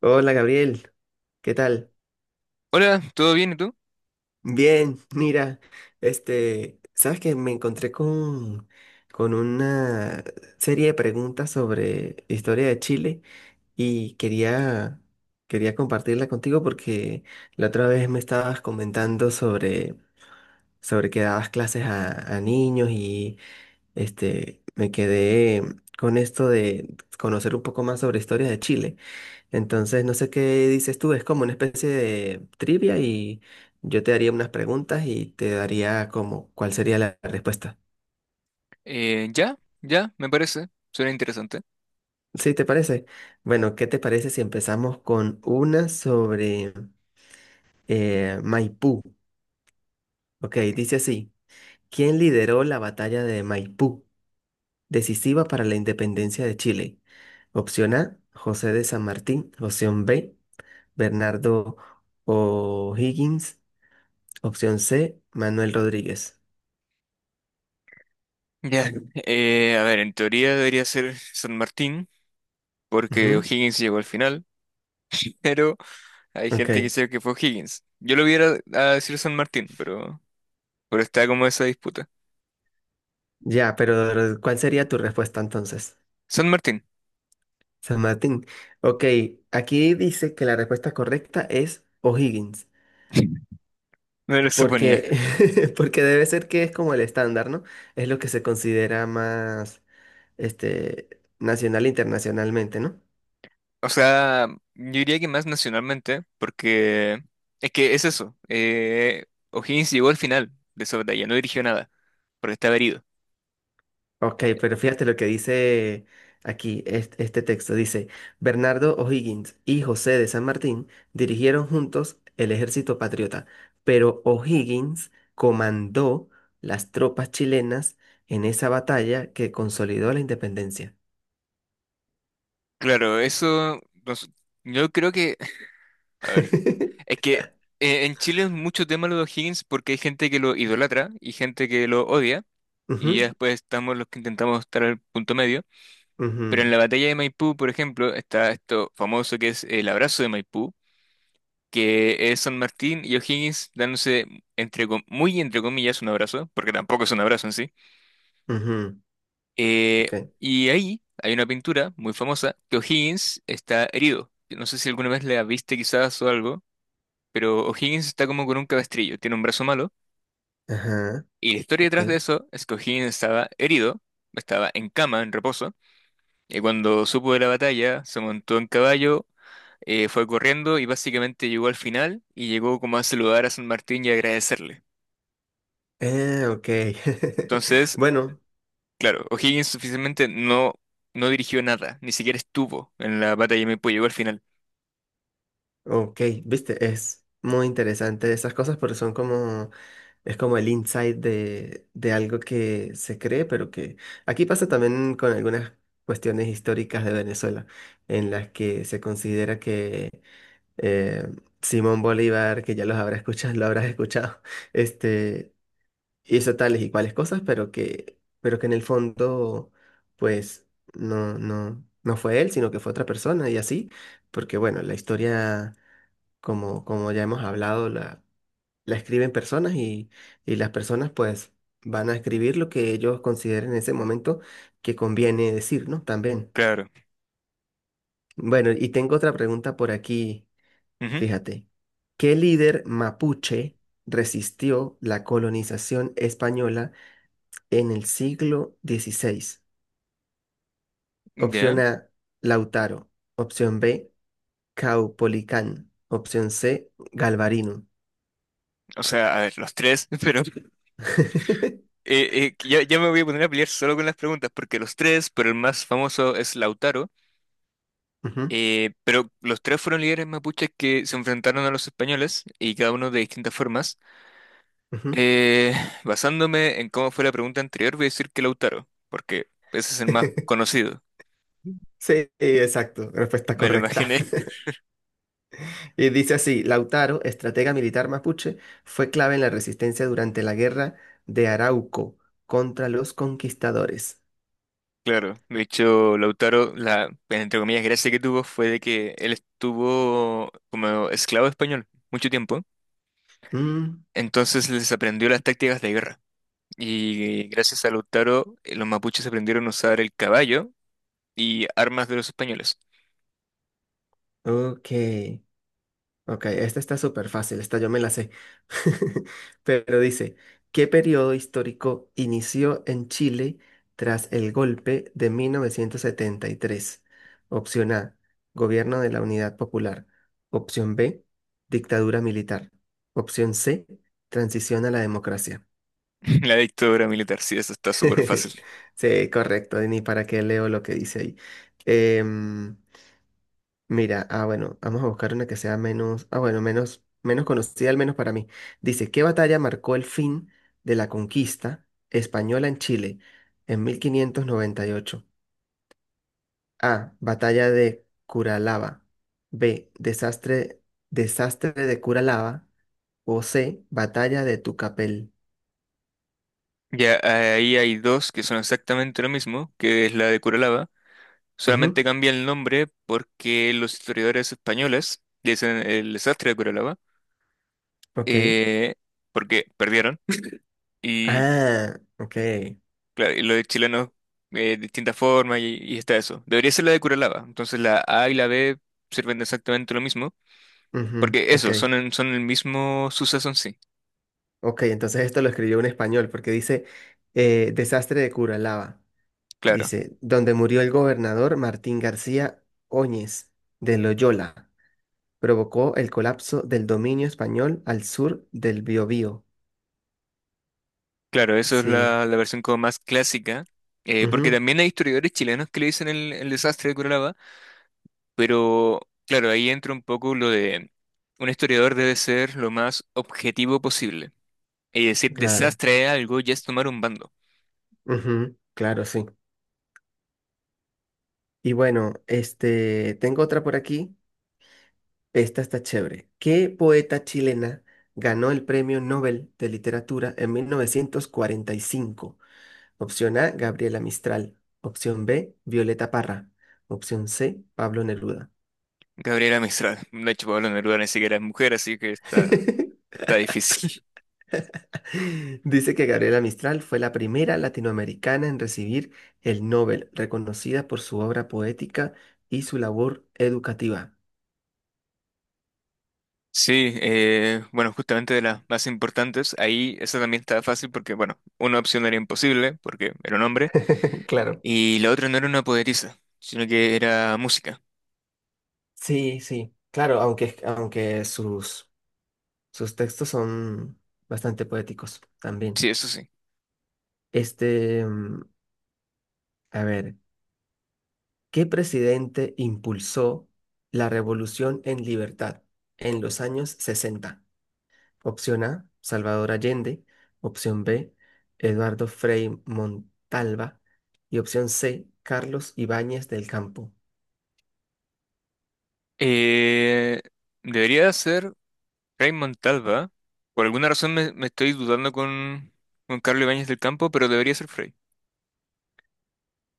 Hola Gabriel, ¿qué tal? Hola, ¿todo bien y tú? Bien, mira, sabes que me encontré con una serie de preguntas sobre historia de Chile y quería compartirla contigo porque la otra vez me estabas comentando sobre que dabas clases a niños y me quedé con esto de conocer un poco más sobre historia de Chile. Entonces, no sé qué dices tú, es como una especie de trivia y yo te daría unas preguntas y te daría como cuál sería la respuesta. Ya, ya, me parece. Suena interesante. ¿Sí te parece? Bueno, ¿qué te parece si empezamos con una sobre Maipú? Ok, dice así, ¿quién lideró la batalla de Maipú, decisiva para la independencia de Chile? Opción A, José de San Martín. Opción B, Bernardo O'Higgins. Opción C, Manuel Rodríguez. Ya. A ver, en teoría debería ser San Martín, porque Ujú. O'Higgins llegó al final, pero hay Ok, gente que dice que fue O'Higgins. Yo lo hubiera a decir San Martín, pero está como esa disputa. ya, pero ¿cuál sería tu respuesta entonces, San Martín, San Martín? Ok, aquí dice que la respuesta correcta es O'Higgins, me lo suponía. porque, porque debe ser que es como el estándar, ¿no? Es lo que se considera más este, nacional e internacionalmente, ¿no? O sea, yo diría que más nacionalmente, porque es que es eso. O'Higgins llegó al final de esa batalla, no dirigió nada, porque estaba herido. Ok, pero fíjate lo que dice aquí texto. Dice, Bernardo O'Higgins y José de San Martín dirigieron juntos el ejército patriota, pero O'Higgins comandó las tropas chilenas en esa batalla que consolidó la independencia. Claro, eso, nos- yo creo que, a ver, es que en Chile es mucho tema lo de O'Higgins porque hay gente que lo idolatra y gente que lo odia, y ya Ujú, después estamos los que intentamos estar al punto medio, pero en ujú, la batalla de Maipú, por ejemplo, está esto famoso que es el abrazo de Maipú, que es San Martín y O'Higgins dándose muy entre comillas un abrazo, porque tampoco es un abrazo en sí. ujú, ok, Y ahí hay una pintura muy famosa que O'Higgins está herido. No sé si alguna vez la viste quizás o algo, pero O'Higgins está como con un cabestrillo, tiene un brazo malo. ajá, Y la historia ok. detrás de eso es que O'Higgins estaba herido, estaba en cama, en reposo, y cuando supo de la batalla, se montó en caballo, fue corriendo y básicamente llegó al final y llegó como a saludar a San Martín y agradecerle. Ok. Entonces, Bueno. claro, O'Higgins oficialmente no dirigió nada, ni siquiera estuvo en la batalla de Maipú, llegó al final. Ok, viste, es muy interesante esas cosas porque son como, es como el insight de algo que se cree, pero que aquí pasa también con algunas cuestiones históricas de Venezuela, en las que se considera que eh, Simón Bolívar, que ya los habrás escuchado, lo habrás escuchado, este, hizo tales y cuales cosas, pero que en el fondo, pues, no, no, no fue él, sino que fue otra persona y así, porque bueno, la historia como ya hemos hablado, la escriben personas y las personas pues van a escribir lo que ellos consideren en ese momento que conviene decir, ¿no? También. Claro. Bueno, y tengo otra pregunta por aquí, Ujú. fíjate. ¿Qué líder mapuche resistió la colonización española en el siglo XVI? Ya, Opción A, Lautaro. Opción B, Caupolicán. Opción C, Galvarino. o sea, a ver, los tres, pero ya, ya me voy a poner a pelear solo con las preguntas, porque los tres, pero el más famoso es Lautaro, Ujú, pero los tres fueron líderes mapuches que se enfrentaron a los españoles y cada uno de distintas formas. ujú. Eh, Basándome en cómo fue la pregunta anterior, voy a decir que Lautaro, porque ese es el más conocido. Sí, exacto, respuesta Me lo correcta. imaginé. Y dice así, Lautaro, estratega militar mapuche, fue clave en la resistencia durante la guerra de Arauco contra los conquistadores. Claro, de hecho, Lautaro, la, entre comillas, gracia que tuvo fue de que él estuvo como esclavo español mucho tiempo. Mm, Entonces les aprendió las tácticas de guerra. Y gracias a Lautaro, los mapuches aprendieron a usar el caballo y armas de los españoles. ok. Ok, esta está súper fácil, esta yo me la sé. Pero dice, ¿qué periodo histórico inició en Chile tras el golpe de 1973? Opción A, gobierno de la Unidad Popular. Opción B, dictadura militar. Opción C, transición a la democracia. La dictadura militar, sí, eso está súper fácil. Sí, correcto, ni para qué leo lo que dice ahí. Em, Mira, ah, bueno, vamos a buscar una que sea menos, ah, bueno, menos conocida, al menos para mí. Dice, ¿qué batalla marcó el fin de la conquista española en Chile en 1598? A, batalla de Curalaba. B, desastre de Curalaba. O C, batalla de Tucapel. Ya, ahí hay dos que son exactamente lo mismo, que es la de Curalaba. Ujú, Solamente cambia el nombre porque los historiadores españoles dicen el desastre de Curalaba, ok. eh, porque perdieron. Y Ah, ok. claro, y lo de chileno distintas formas y está eso. Debería ser la de Curalaba. Entonces la A y la B sirven de exactamente lo mismo, Ujú, porque ok. eso, son, son el mismo suceso en sí. Ok, entonces esto lo escribió un español porque dice desastre de Curalaba. Claro, Dice, donde murió el gobernador Martín García Óñez de Loyola, provocó el colapso del dominio español al sur del Biobío. claro, eso es Sí, la versión como más clásica, porque ujú, también hay historiadores chilenos que le dicen el desastre de Curalaba, pero claro, ahí entra un poco lo de un historiador debe ser lo más objetivo posible. Y decir claro, desastre es algo ya es tomar un bando. ujú, claro, sí. Y bueno, tengo otra por aquí. Esta está chévere. ¿Qué poeta chilena ganó el Premio Nobel de Literatura en 1945? Opción A, Gabriela Mistral. Opción B, Violeta Parra. Opción C, Pablo Neruda. Gabriela Mistral. De hecho, Pablo Neruda ni siquiera es mujer, así que está... Está difícil. Dice que Gabriela Mistral fue la primera latinoamericana en recibir el Nobel, reconocida por su obra poética y su labor educativa. Sí, bueno, justamente de las más importantes, ahí esa también estaba fácil porque, bueno, una opción era imposible porque era un hombre Claro. y la otra no era una poderiza, sino que era música. Sí, sí, claro, aunque sus textos son bastante poéticos también. Sí, eso sí. Este, mm, a ver, ¿qué presidente impulsó la revolución en libertad en los años 60? Opción A, Salvador Allende. Opción B, Eduardo Frei Montalva. Y opción C, Carlos Ibáñez del Campo. Eh, Debería ser Raymond Montalva. Por alguna razón me estoy dudando con, Carlos Ibáñez del Campo, pero debería ser Frey.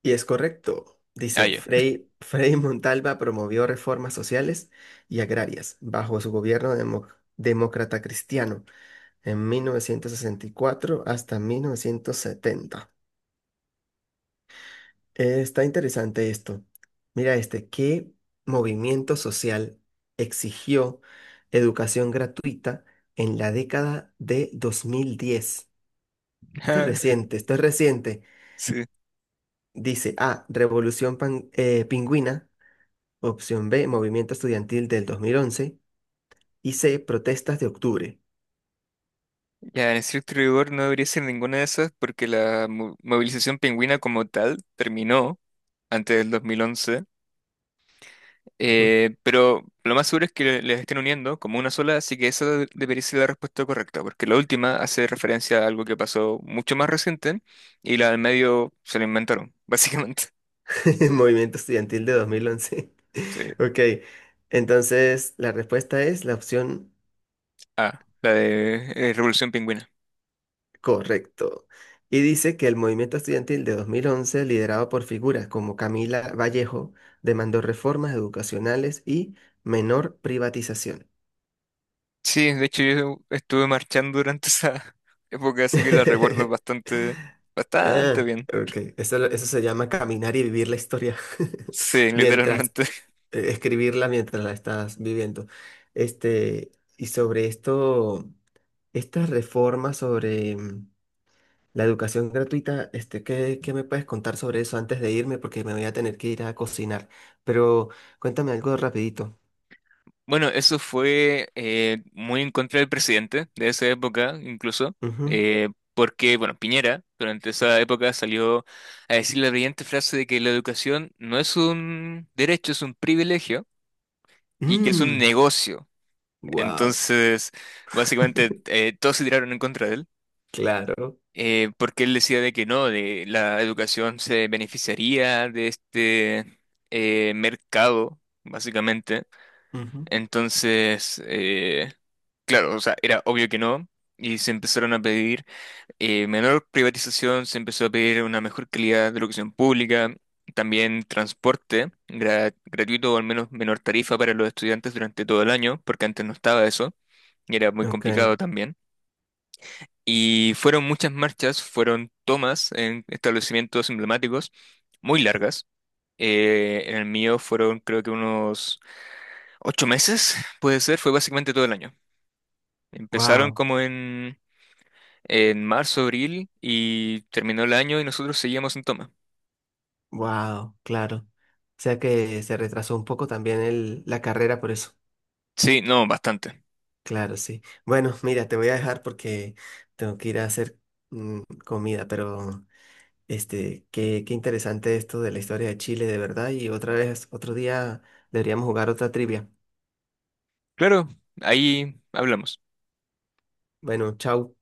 Y es correcto. Ah, Dice, ya. Frei Montalva promovió reformas sociales y agrarias bajo su gobierno demócrata cristiano en 1964 hasta 1970. Está interesante esto. Mira este, ¿qué movimiento social exigió educación gratuita en la década de 2010? Esto es reciente, esto es reciente. Sí. Dice A, Revolución Pingüina, opción B, Movimiento Estudiantil del 2011 y C, Protestas de Octubre. Ya, en estricto rigor no debería ser ninguna de esas porque la movilización pingüina como tal terminó antes del 2011, Ujú. Pero lo más seguro es que les estén uniendo como una sola, así que esa debería ser la respuesta correcta, porque la última hace referencia a algo que pasó mucho más reciente y la del medio se la inventaron, básicamente. Movimiento Estudiantil de 2011. Sí. Ok, entonces la respuesta es la opción. Ah, la de Revolución Pingüina. Correcto. Y dice que el movimiento estudiantil de 2011 liderado por figuras como Camila Vallejo, demandó reformas educacionales y menor privatización. Sí, de hecho yo estuve marchando durante esa época, así que la recuerdo bastante, bastante Ah, bien. ok. Eso, eso se llama caminar y vivir la historia Sí, mientras, literalmente. Escribirla mientras la estás viviendo. Este, y sobre esto, estas reformas sobre la educación gratuita, qué me puedes contar sobre eso antes de irme? Porque me voy a tener que ir a cocinar. Pero cuéntame algo rapidito. Bueno, eso fue muy en contra del presidente de esa época, incluso, Ujú. eh, porque, bueno, Piñera durante esa época salió a decir la brillante frase de que la educación no es un derecho, es un privilegio y que es un Mm, negocio. wow, Entonces, básicamente, todos se tiraron en contra de él, claro. Porque él decía de que no, de la educación se beneficiaría de este mercado, básicamente. Ujú. Entonces, claro, o sea, era obvio que no, y se empezaron a pedir menor privatización, se empezó a pedir una mejor calidad de educación pública, también transporte gratuito o al menos menor tarifa para los estudiantes durante todo el año, porque antes no estaba eso, y era muy Ok, complicado también. Y fueron muchas marchas, fueron tomas en establecimientos emblemáticos muy largas. En el mío fueron creo que unos 8 meses, puede ser, fue básicamente todo el año. Empezaron wow, como en marzo, abril y terminó el año y nosotros seguíamos en toma. wow, claro. O sea que se retrasó un poco también la carrera por eso. Sí, no, bastante. Claro, sí. Bueno, mira, te voy a dejar porque tengo que ir a hacer comida, pero qué interesante esto de la historia de Chile, de verdad. Y otra vez, otro día deberíamos jugar otra trivia. Claro, ahí hablamos. Bueno, chau.